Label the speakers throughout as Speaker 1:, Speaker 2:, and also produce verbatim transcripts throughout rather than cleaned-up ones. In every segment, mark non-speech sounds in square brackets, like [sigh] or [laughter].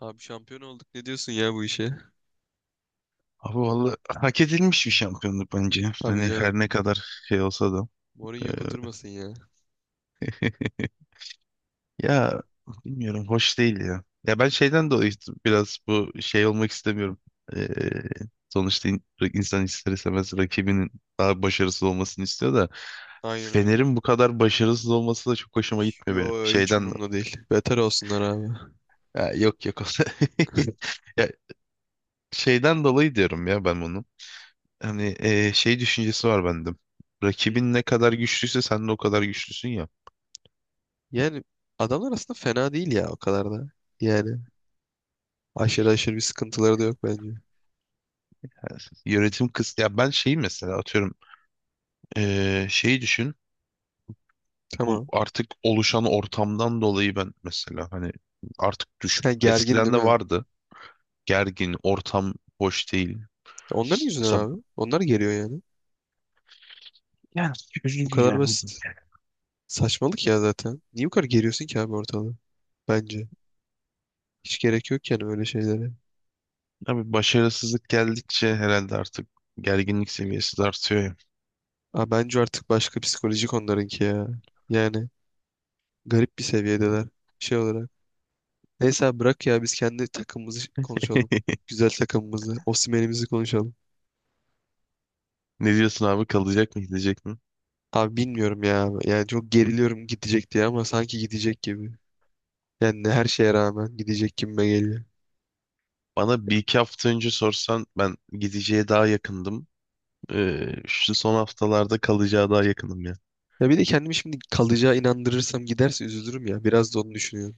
Speaker 1: Abi şampiyon olduk. Ne diyorsun ya bu işe?
Speaker 2: Abi vallahi hak edilmiş bir şampiyonluk bence.
Speaker 1: Tabii
Speaker 2: Hani her
Speaker 1: canım.
Speaker 2: ne kadar şey olsa da. Ee,
Speaker 1: Mourinho kudurmasın ya.
Speaker 2: [laughs] ya bilmiyorum hoş değil ya. Ya ben şeyden dolayı işte biraz bu şey olmak istemiyorum. Ee, sonuçta in- insan ister istemez rakibinin daha başarısız olmasını istiyor da
Speaker 1: Aynen öyle.
Speaker 2: Fener'in bu kadar başarısız olması da çok hoşuma gitmiyor benim.
Speaker 1: Yo hiç
Speaker 2: Şeyden do-
Speaker 1: umurumda değil. Beter olsunlar abi.
Speaker 2: ya yok yok. [laughs] Ya şeyden dolayı diyorum ya ben bunu. Hani eee, şey düşüncesi var bende.
Speaker 1: Hı.
Speaker 2: Rakibin ne kadar güçlüyse sen de o kadar güçlüsün ya.
Speaker 1: Yani adamlar aslında fena değil ya o kadar da. Yani aşırı aşırı bir sıkıntıları da yok bence.
Speaker 2: Yönetim kıs ya ben şeyi mesela atıyorum eee şeyi düşün. Bu
Speaker 1: Tamam.
Speaker 2: artık oluşan ortamdan dolayı ben mesela hani artık düş
Speaker 1: Ha, gergin
Speaker 2: eskiden
Speaker 1: değil
Speaker 2: de
Speaker 1: mi?
Speaker 2: vardı. Gergin, ortam hoş değil.
Speaker 1: Onların yüzünden
Speaker 2: Mesela
Speaker 1: abi. Onlar geriyor yani.
Speaker 2: yani
Speaker 1: Bu
Speaker 2: üzücü
Speaker 1: kadar
Speaker 2: yani.
Speaker 1: basit. Saçmalık ya zaten. Niye bu kadar geriyorsun ki abi ortalığı? Bence. Hiç gerek yok yani öyle şeylere.
Speaker 2: Tabii başarısızlık geldikçe herhalde artık gerginlik seviyesi de artıyor ya.
Speaker 1: Aa, bence artık başka psikolojik onlarınki ya. Yani garip bir seviyedeler şey olarak. Neyse abi bırak ya biz kendi takımımızı konuşalım.
Speaker 2: [laughs]
Speaker 1: Güzel takımımızı, Osimhen'imizi konuşalım.
Speaker 2: Ne diyorsun abi kalacak mı gidecek mi?
Speaker 1: Abi bilmiyorum ya. Yani çok geriliyorum gidecek diye ama sanki gidecek gibi. Yani her şeye rağmen gidecek gibime geliyor.
Speaker 2: Bana bir iki hafta önce sorsan ben gideceğe daha yakındım. Ee, şu son haftalarda kalacağı daha yakınım ya.
Speaker 1: Ya bir de kendimi şimdi kalacağı inandırırsam giderse üzülürüm ya. Biraz da onu düşünüyorum.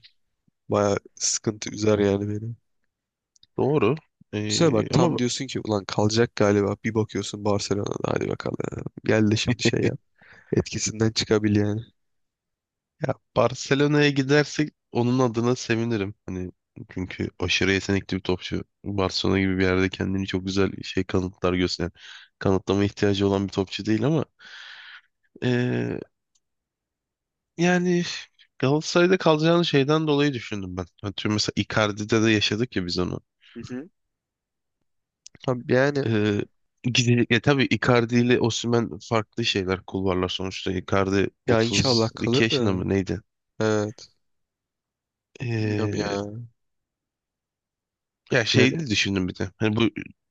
Speaker 1: Baya sıkıntı üzer yani beni.
Speaker 2: Doğru.
Speaker 1: Düşünsene
Speaker 2: Ee,
Speaker 1: bak tam
Speaker 2: ama
Speaker 1: diyorsun ki ulan kalacak galiba. Bir bakıyorsun Barcelona'da hadi bakalım. Gel de şimdi şey yap. Etkisinden çıkabil yani.
Speaker 2: ya Barcelona'ya gidersek onun adına sevinirim. Hani çünkü aşırı yetenekli bir topçu. Barcelona gibi bir yerde kendini çok güzel şey kanıtlar gösteren. Kanıtlama ihtiyacı olan bir topçu değil ama ee, yani Galatasaray'da kalacağını şeyden dolayı düşündüm ben. Hani tüm mesela Icardi'de de yaşadık ya biz onu.
Speaker 1: Hı hı. Abi yani
Speaker 2: Ee, gide- ya tabii Icardi ile Osimhen farklı şeyler kulvarlar sonuçta. Icardi
Speaker 1: ya inşallah kalır
Speaker 2: otuz iki yaşında
Speaker 1: da.
Speaker 2: mı neydi?
Speaker 1: Evet. Bilmiyorum
Speaker 2: Ee,
Speaker 1: ya.
Speaker 2: ya
Speaker 1: Yani.
Speaker 2: şeyini düşündüm bir de. Hani bu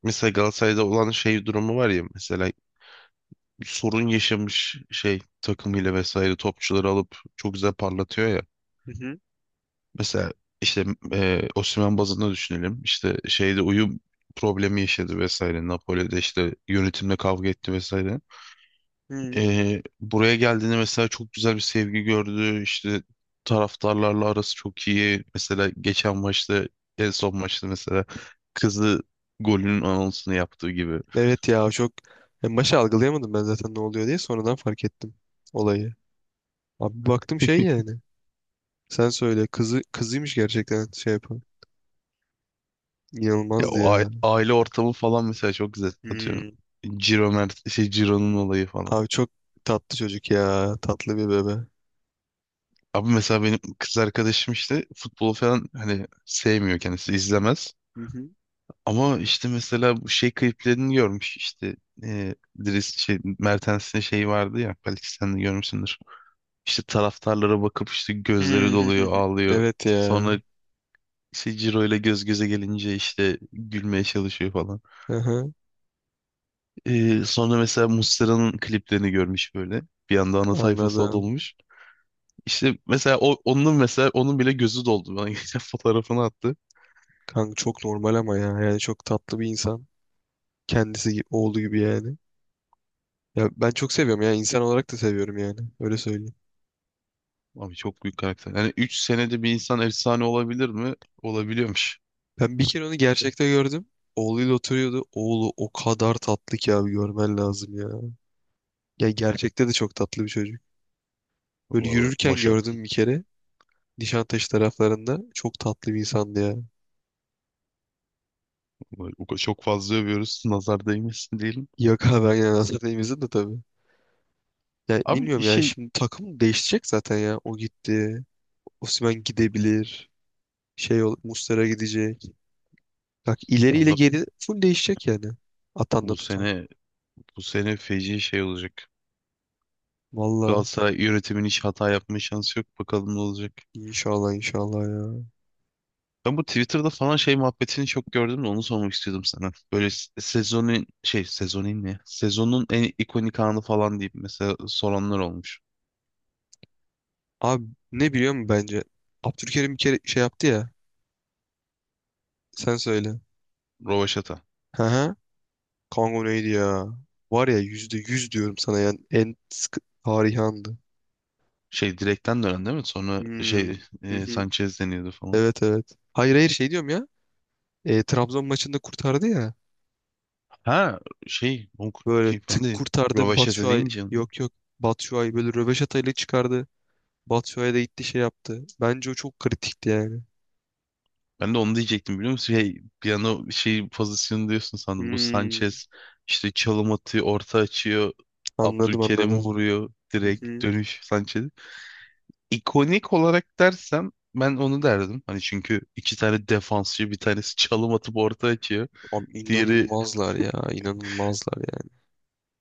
Speaker 2: mesela Galatasaray'da olan şey durumu var ya mesela bir sorun yaşamış şey takımıyla vesaire topçuları alıp çok güzel parlatıyor ya.
Speaker 1: Hı hı.
Speaker 2: Mesela işte e, Osimhen bazında düşünelim. İşte şeyde uyum problemi yaşadı vesaire. Napoli'de işte yönetimle kavga etti vesaire.
Speaker 1: Hı.
Speaker 2: Ee, buraya geldiğinde mesela çok güzel bir sevgi gördü. İşte taraftarlarla arası çok iyi. Mesela geçen maçta en son maçta mesela kızı golünün anonsunu yaptığı gibi.
Speaker 1: Evet ya çok. En başta algılayamadım ben zaten ne oluyor diye sonradan fark ettim olayı. Abi baktım şey
Speaker 2: [laughs]
Speaker 1: yani. Sen söyle kızı kızıymış gerçekten şey yapan.
Speaker 2: Ya
Speaker 1: İnanılmazdı
Speaker 2: o ai-
Speaker 1: ya.
Speaker 2: aile ortamı falan mesela çok güzel. Atıyorum
Speaker 1: Hmm.
Speaker 2: Ciro Mert şey Ciro'nun olayı falan.
Speaker 1: Abi çok tatlı çocuk ya. Tatlı bir bebe.
Speaker 2: Abi mesela benim kız arkadaşım işte futbolu falan hani sevmiyor kendisi izlemez.
Speaker 1: Hı.
Speaker 2: Ama işte mesela bu şey kliplerini görmüş işte e, Dries şey Mertens'in şeyi vardı ya belki sen de görmüşsündür. İşte taraftarlara bakıp işte
Speaker 1: Hı.
Speaker 2: gözleri doluyor
Speaker 1: [laughs]
Speaker 2: ağlıyor.
Speaker 1: Evet ya.
Speaker 2: Sonra işte Ciro ile göz göze gelince işte gülmeye çalışıyor falan.
Speaker 1: Hı hı.
Speaker 2: E, sonra mesela Muslera'nın kliplerini görmüş böyle. Bir anda ana sayfası o
Speaker 1: Anladım.
Speaker 2: dolmuş. İşte mesela o, onun mesela onun bile gözü doldu. Bana [laughs] geçen fotoğrafını attı.
Speaker 1: Kanka çok normal ama ya. Yani çok tatlı bir insan. Kendisi gibi, oğlu gibi yani. Ya ben çok seviyorum ya. İnsan olarak da seviyorum yani. Öyle söyleyeyim.
Speaker 2: Abi çok büyük karakter. Yani üç senede bir insan efsane olabilir mi? Olabiliyormuş.
Speaker 1: Ben bir kere onu gerçekte gördüm. Oğluyla oturuyordu. Oğlu o kadar tatlı ki abi görmen lazım ya. Ya gerçekte de çok tatlı bir çocuk. Böyle
Speaker 2: Valla
Speaker 1: yürürken
Speaker 2: maşallah.
Speaker 1: gördüm bir kere. Nişantaşı taraflarında. Çok tatlı bir insandı ya.
Speaker 2: Vallahi o kadar çok fazla övüyoruz. [laughs] Nazar değmesin diyelim.
Speaker 1: Yok abi ben yani Hasan'ı de tabii. Ya
Speaker 2: Abi
Speaker 1: bilmiyorum yani
Speaker 2: şey
Speaker 1: şimdi takım değişecek zaten ya. O gitti. Osimhen gidebilir. Şey ol, Muslera gidecek. Bak ileriyle
Speaker 2: valla
Speaker 1: geri full değişecek yani. Atanla
Speaker 2: bu
Speaker 1: tutan.
Speaker 2: sene bu sene feci şey olacak.
Speaker 1: Valla.
Speaker 2: Galatasaray yönetimin hiç hata yapma şansı yok. Bakalım ne olacak.
Speaker 1: İnşallah inşallah ya.
Speaker 2: Ben bu Twitter'da falan şey muhabbetini çok gördüm de onu sormak istiyordum sana. Böyle se- sezonun şey sezonun ne? Sezonun en ikonik anı falan deyip mesela soranlar olmuş.
Speaker 1: Abi ne biliyor musun bence? Abdülkerim bir kere şey yaptı ya. Sen söyle.
Speaker 2: Rovaşata.
Speaker 1: Hı hı. Kango neydi ya? Var ya yüzde yüz diyorum sana yani en sıkı tarihi andı.
Speaker 2: Şey direkten dönen değil mi? Sonra
Speaker 1: Hmm.
Speaker 2: şey
Speaker 1: Hı
Speaker 2: e,
Speaker 1: hı.
Speaker 2: Sanchez deniyordu falan.
Speaker 1: Evet evet. Hayır hayır şey diyorum ya. E, Trabzon maçında kurtardı ya.
Speaker 2: Ha şey on-
Speaker 1: Böyle
Speaker 2: ki ben
Speaker 1: tık
Speaker 2: de
Speaker 1: kurtardı
Speaker 2: Rovaşata
Speaker 1: Batshuayi.
Speaker 2: deyince onu-
Speaker 1: Yok yok. Batshuayi böyle röveşatayla çıkardı. Batshuayi de gitti şey yaptı. Bence o çok kritikti yani.
Speaker 2: ben de onu diyecektim biliyor musun? Şey, bir an o şey pozisyonu diyorsun sandım. Bu
Speaker 1: Hmm.
Speaker 2: Sanchez işte çalım atıyor, orta açıyor.
Speaker 1: Anladım
Speaker 2: Abdülkerim
Speaker 1: anladım.
Speaker 2: vuruyor
Speaker 1: Hı
Speaker 2: direkt
Speaker 1: hı.
Speaker 2: dönüş Sanchez. İkonik olarak dersem ben onu derdim. Hani çünkü iki tane defansçı bir tanesi çalım atıp orta açıyor.
Speaker 1: Abi
Speaker 2: Diğeri
Speaker 1: inanılmazlar ya. İnanılmazlar yani.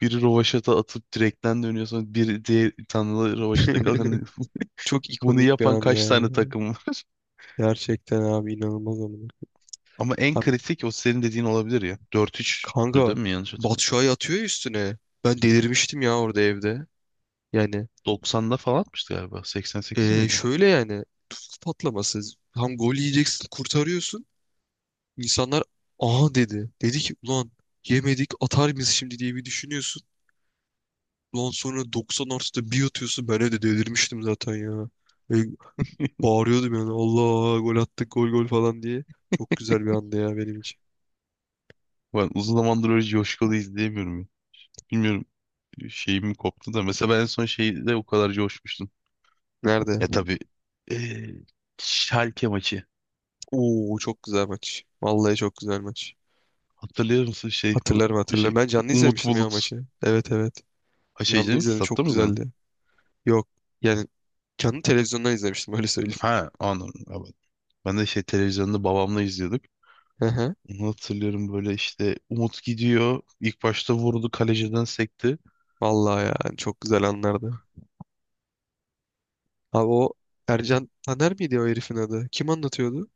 Speaker 2: biri rovaşata atıp direkten dönüyor sonra biri diğer tanrılı rovaşata kalıyor.
Speaker 1: [laughs] Çok
Speaker 2: Bunu
Speaker 1: ikonik bir
Speaker 2: yapan
Speaker 1: an
Speaker 2: kaç
Speaker 1: ya.
Speaker 2: tane takım var? [laughs]
Speaker 1: Gerçekten abi inanılmaz amına.
Speaker 2: Ama en
Speaker 1: Abi
Speaker 2: kritik o senin dediğin olabilir ya. Dört 3tü
Speaker 1: kanka
Speaker 2: değil mi? Yanlış
Speaker 1: Batu
Speaker 2: hatırlamıyorsam.
Speaker 1: Şua'yı atıyor ya üstüne. Ben delirmiştim ya orada evde. Yani
Speaker 2: doksanda falan atmıştı galiba. seksen sekiz
Speaker 1: eee,
Speaker 2: miydi?
Speaker 1: şöyle yani tuz patlaması. Tam gol yiyeceksin kurtarıyorsun. İnsanlar aha dedi. Dedi ki ulan yemedik atar mıyız şimdi diye bir düşünüyorsun. Ulan sonra doksan artıda bir atıyorsun. Ben evde delirmiştim zaten ya. E, bağırıyordum yani Allah gol attık gol gol falan diye. Çok güzel bir andı ya benim için.
Speaker 2: Ben uzun zamandır öyle coşkulu izleyemiyorum ya. Bilmiyorum şeyim koptu da. Mesela ben en son şeyde o kadar coşmuştum.
Speaker 1: Nerede?
Speaker 2: Ya tabii eee Schalke maçı.
Speaker 1: Oo çok güzel maç. Vallahi çok güzel maç.
Speaker 2: Hatırlıyor musun şey bu
Speaker 1: Hatırlarım
Speaker 2: şey
Speaker 1: hatırlarım. Ben canlı
Speaker 2: [laughs] Umut
Speaker 1: izlemiştim ya
Speaker 2: Bulut.
Speaker 1: maçı. Evet evet.
Speaker 2: Ha şey
Speaker 1: Canlı
Speaker 2: değil mi?
Speaker 1: izledim
Speaker 2: Statta
Speaker 1: çok
Speaker 2: mı izledin?
Speaker 1: güzeldi. Yok yani canlı televizyondan izlemiştim öyle söyleyeyim.
Speaker 2: Ha anladım. Evet. Ben de şey televizyonda babamla izliyorduk.
Speaker 1: [laughs] Hı hı.
Speaker 2: Onu hatırlıyorum böyle işte Umut gidiyor. İlk başta vurdu kaleciden sekti.
Speaker 1: Vallahi ya çok güzel anlardı. Abi o Ercan Taner miydi o herifin adı? Kim anlatıyordu?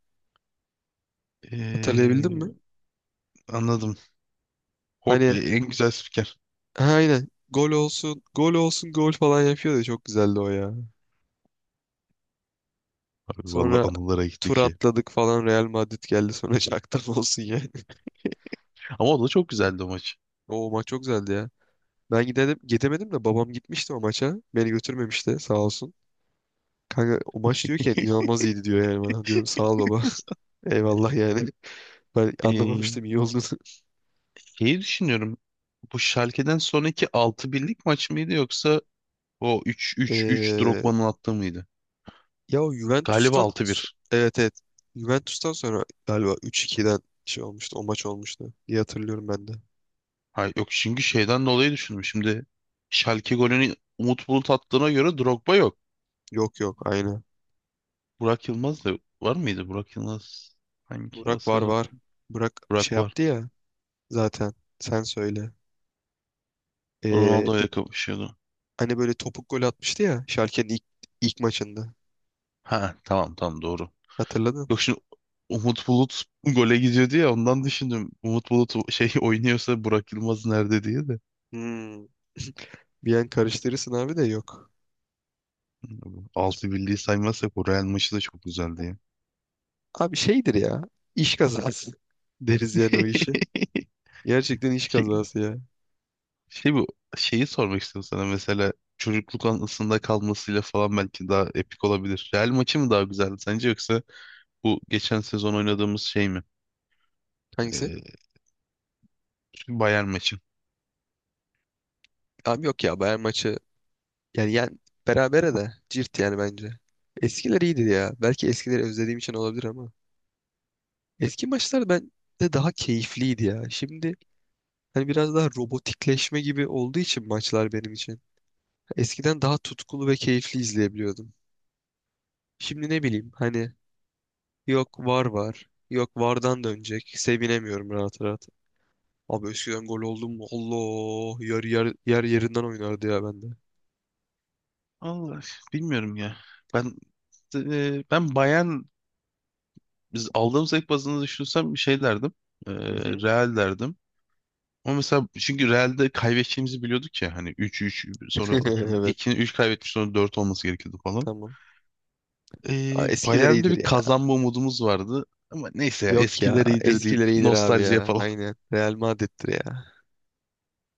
Speaker 1: Hatırlayabildin
Speaker 2: Ee,
Speaker 1: mi?
Speaker 2: anladım. Ho-
Speaker 1: Hani
Speaker 2: e, en güzel spiker.
Speaker 1: ha, aynen gol olsun gol olsun gol falan yapıyordu. Çok güzeldi o ya.
Speaker 2: Abi valla
Speaker 1: Sonra
Speaker 2: anılara gitti
Speaker 1: tur
Speaker 2: ki.
Speaker 1: atladık falan Real Madrid geldi sonra [laughs] şaktan olsun ya.
Speaker 2: Ama o da çok güzeldi o maç.
Speaker 1: O maç çok güzeldi ya. Ben gidelim, gidemedim de babam gitmişti o maça. Beni götürmemişti sağ olsun. Kanka o maç diyorken inanılmaz iyiydi diyor yani bana. Diyorum sağ ol baba.
Speaker 2: [laughs]
Speaker 1: [laughs] Eyvallah yani. Ben
Speaker 2: Ee,
Speaker 1: anlamamıştım iyi olduğunu. [laughs]
Speaker 2: şeyi düşünüyorum. Bu Schalke'den sonraki altı birlik maç mıydı yoksa o üç üç üç
Speaker 1: Ee,
Speaker 2: Drogba'nın attığı mıydı?
Speaker 1: ya o
Speaker 2: Galiba
Speaker 1: Juventus'tan
Speaker 2: altı
Speaker 1: so-
Speaker 2: bir.
Speaker 1: evet evet. Juventus'tan sonra galiba üç iki'den şey olmuştu. O maç olmuştu, diye hatırlıyorum ben de.
Speaker 2: Hayır, yok çünkü şeyden dolayı düşündüm. Şimdi Schalke golünü Umut Bulut attığına göre Drogba yok.
Speaker 1: Yok yok aynı.
Speaker 2: Burak Yılmaz da var mıydı? Burak Yılmaz hangi o
Speaker 1: Burak var
Speaker 2: sezon?
Speaker 1: var. Burak şey
Speaker 2: Burak var.
Speaker 1: yaptı ya zaten. Sen söyle. Ee,
Speaker 2: Ronaldo ile kapışıyordu.
Speaker 1: Hani böyle topuk gol atmıştı ya Schalke'nin ilk, ilk maçında.
Speaker 2: Ha tamam tamam doğru.
Speaker 1: Hatırladın?
Speaker 2: Yok şimdi Umut Bulut [laughs] gole gidiyordu ya ondan düşündüm. Umut Bulut o- şey [laughs] oynuyorsa Burak Yılmaz nerede diye de.
Speaker 1: Hmm. Bir an karıştırırsın abi de yok.
Speaker 2: Altı birliği saymazsak o Real maçı da çok güzeldi ya.
Speaker 1: Abi şeydir ya. İş kazası [laughs] deriz yani o işi.
Speaker 2: [laughs]
Speaker 1: Gerçekten iş
Speaker 2: Şey,
Speaker 1: kazası ya.
Speaker 2: şey bu şeyi sormak istiyorum sana mesela çocukluk anısında kalmasıyla falan belki daha epik olabilir. Real maçı mı daha güzeldi sence yoksa bu geçen sezon oynadığımız şey mi?
Speaker 1: Hangisi?
Speaker 2: Ee, Bayern maçı.
Speaker 1: Abi yok ya Bayern maçı yani, yani berabere de cirt yani bence. Eskiler iyiydi ya. Belki eskileri özlediğim için olabilir ama. Eski maçlar ben de daha keyifliydi ya. Şimdi hani biraz daha robotikleşme gibi olduğu için maçlar benim için. Eskiden daha tutkulu ve keyifli izleyebiliyordum. Şimdi ne bileyim hani yok var var. Yok vardan dönecek. Sevinemiyorum rahat rahat. Abi eskiden gol oldum mu? Allah yer, yer, yer yerinden oynardı ya bende.
Speaker 2: Allah bilmiyorum ya. Ben e, ben bayan biz aldığım zevk bazında düşünsem bir şey derdim. E,
Speaker 1: Hı hı.
Speaker 2: Real derdim. Ama mesela çünkü Real'de kaybedeceğimizi biliyorduk ya hani üç üç sonra atıyorum
Speaker 1: [laughs]
Speaker 2: iki
Speaker 1: Evet
Speaker 2: üç kaybetmiş sonra dört olması gerekiyordu falan.
Speaker 1: tamam. Aa,
Speaker 2: E,
Speaker 1: eskiler
Speaker 2: Bayern'de
Speaker 1: iyidir
Speaker 2: bir
Speaker 1: ya.
Speaker 2: kazanma umudumuz vardı. Ama neyse ya
Speaker 1: Yok ya
Speaker 2: eskiler iyidir deyip
Speaker 1: eskiler iyidir abi
Speaker 2: nostalji
Speaker 1: ya.
Speaker 2: yapalım.
Speaker 1: Aynen Real Madrid'dir ya.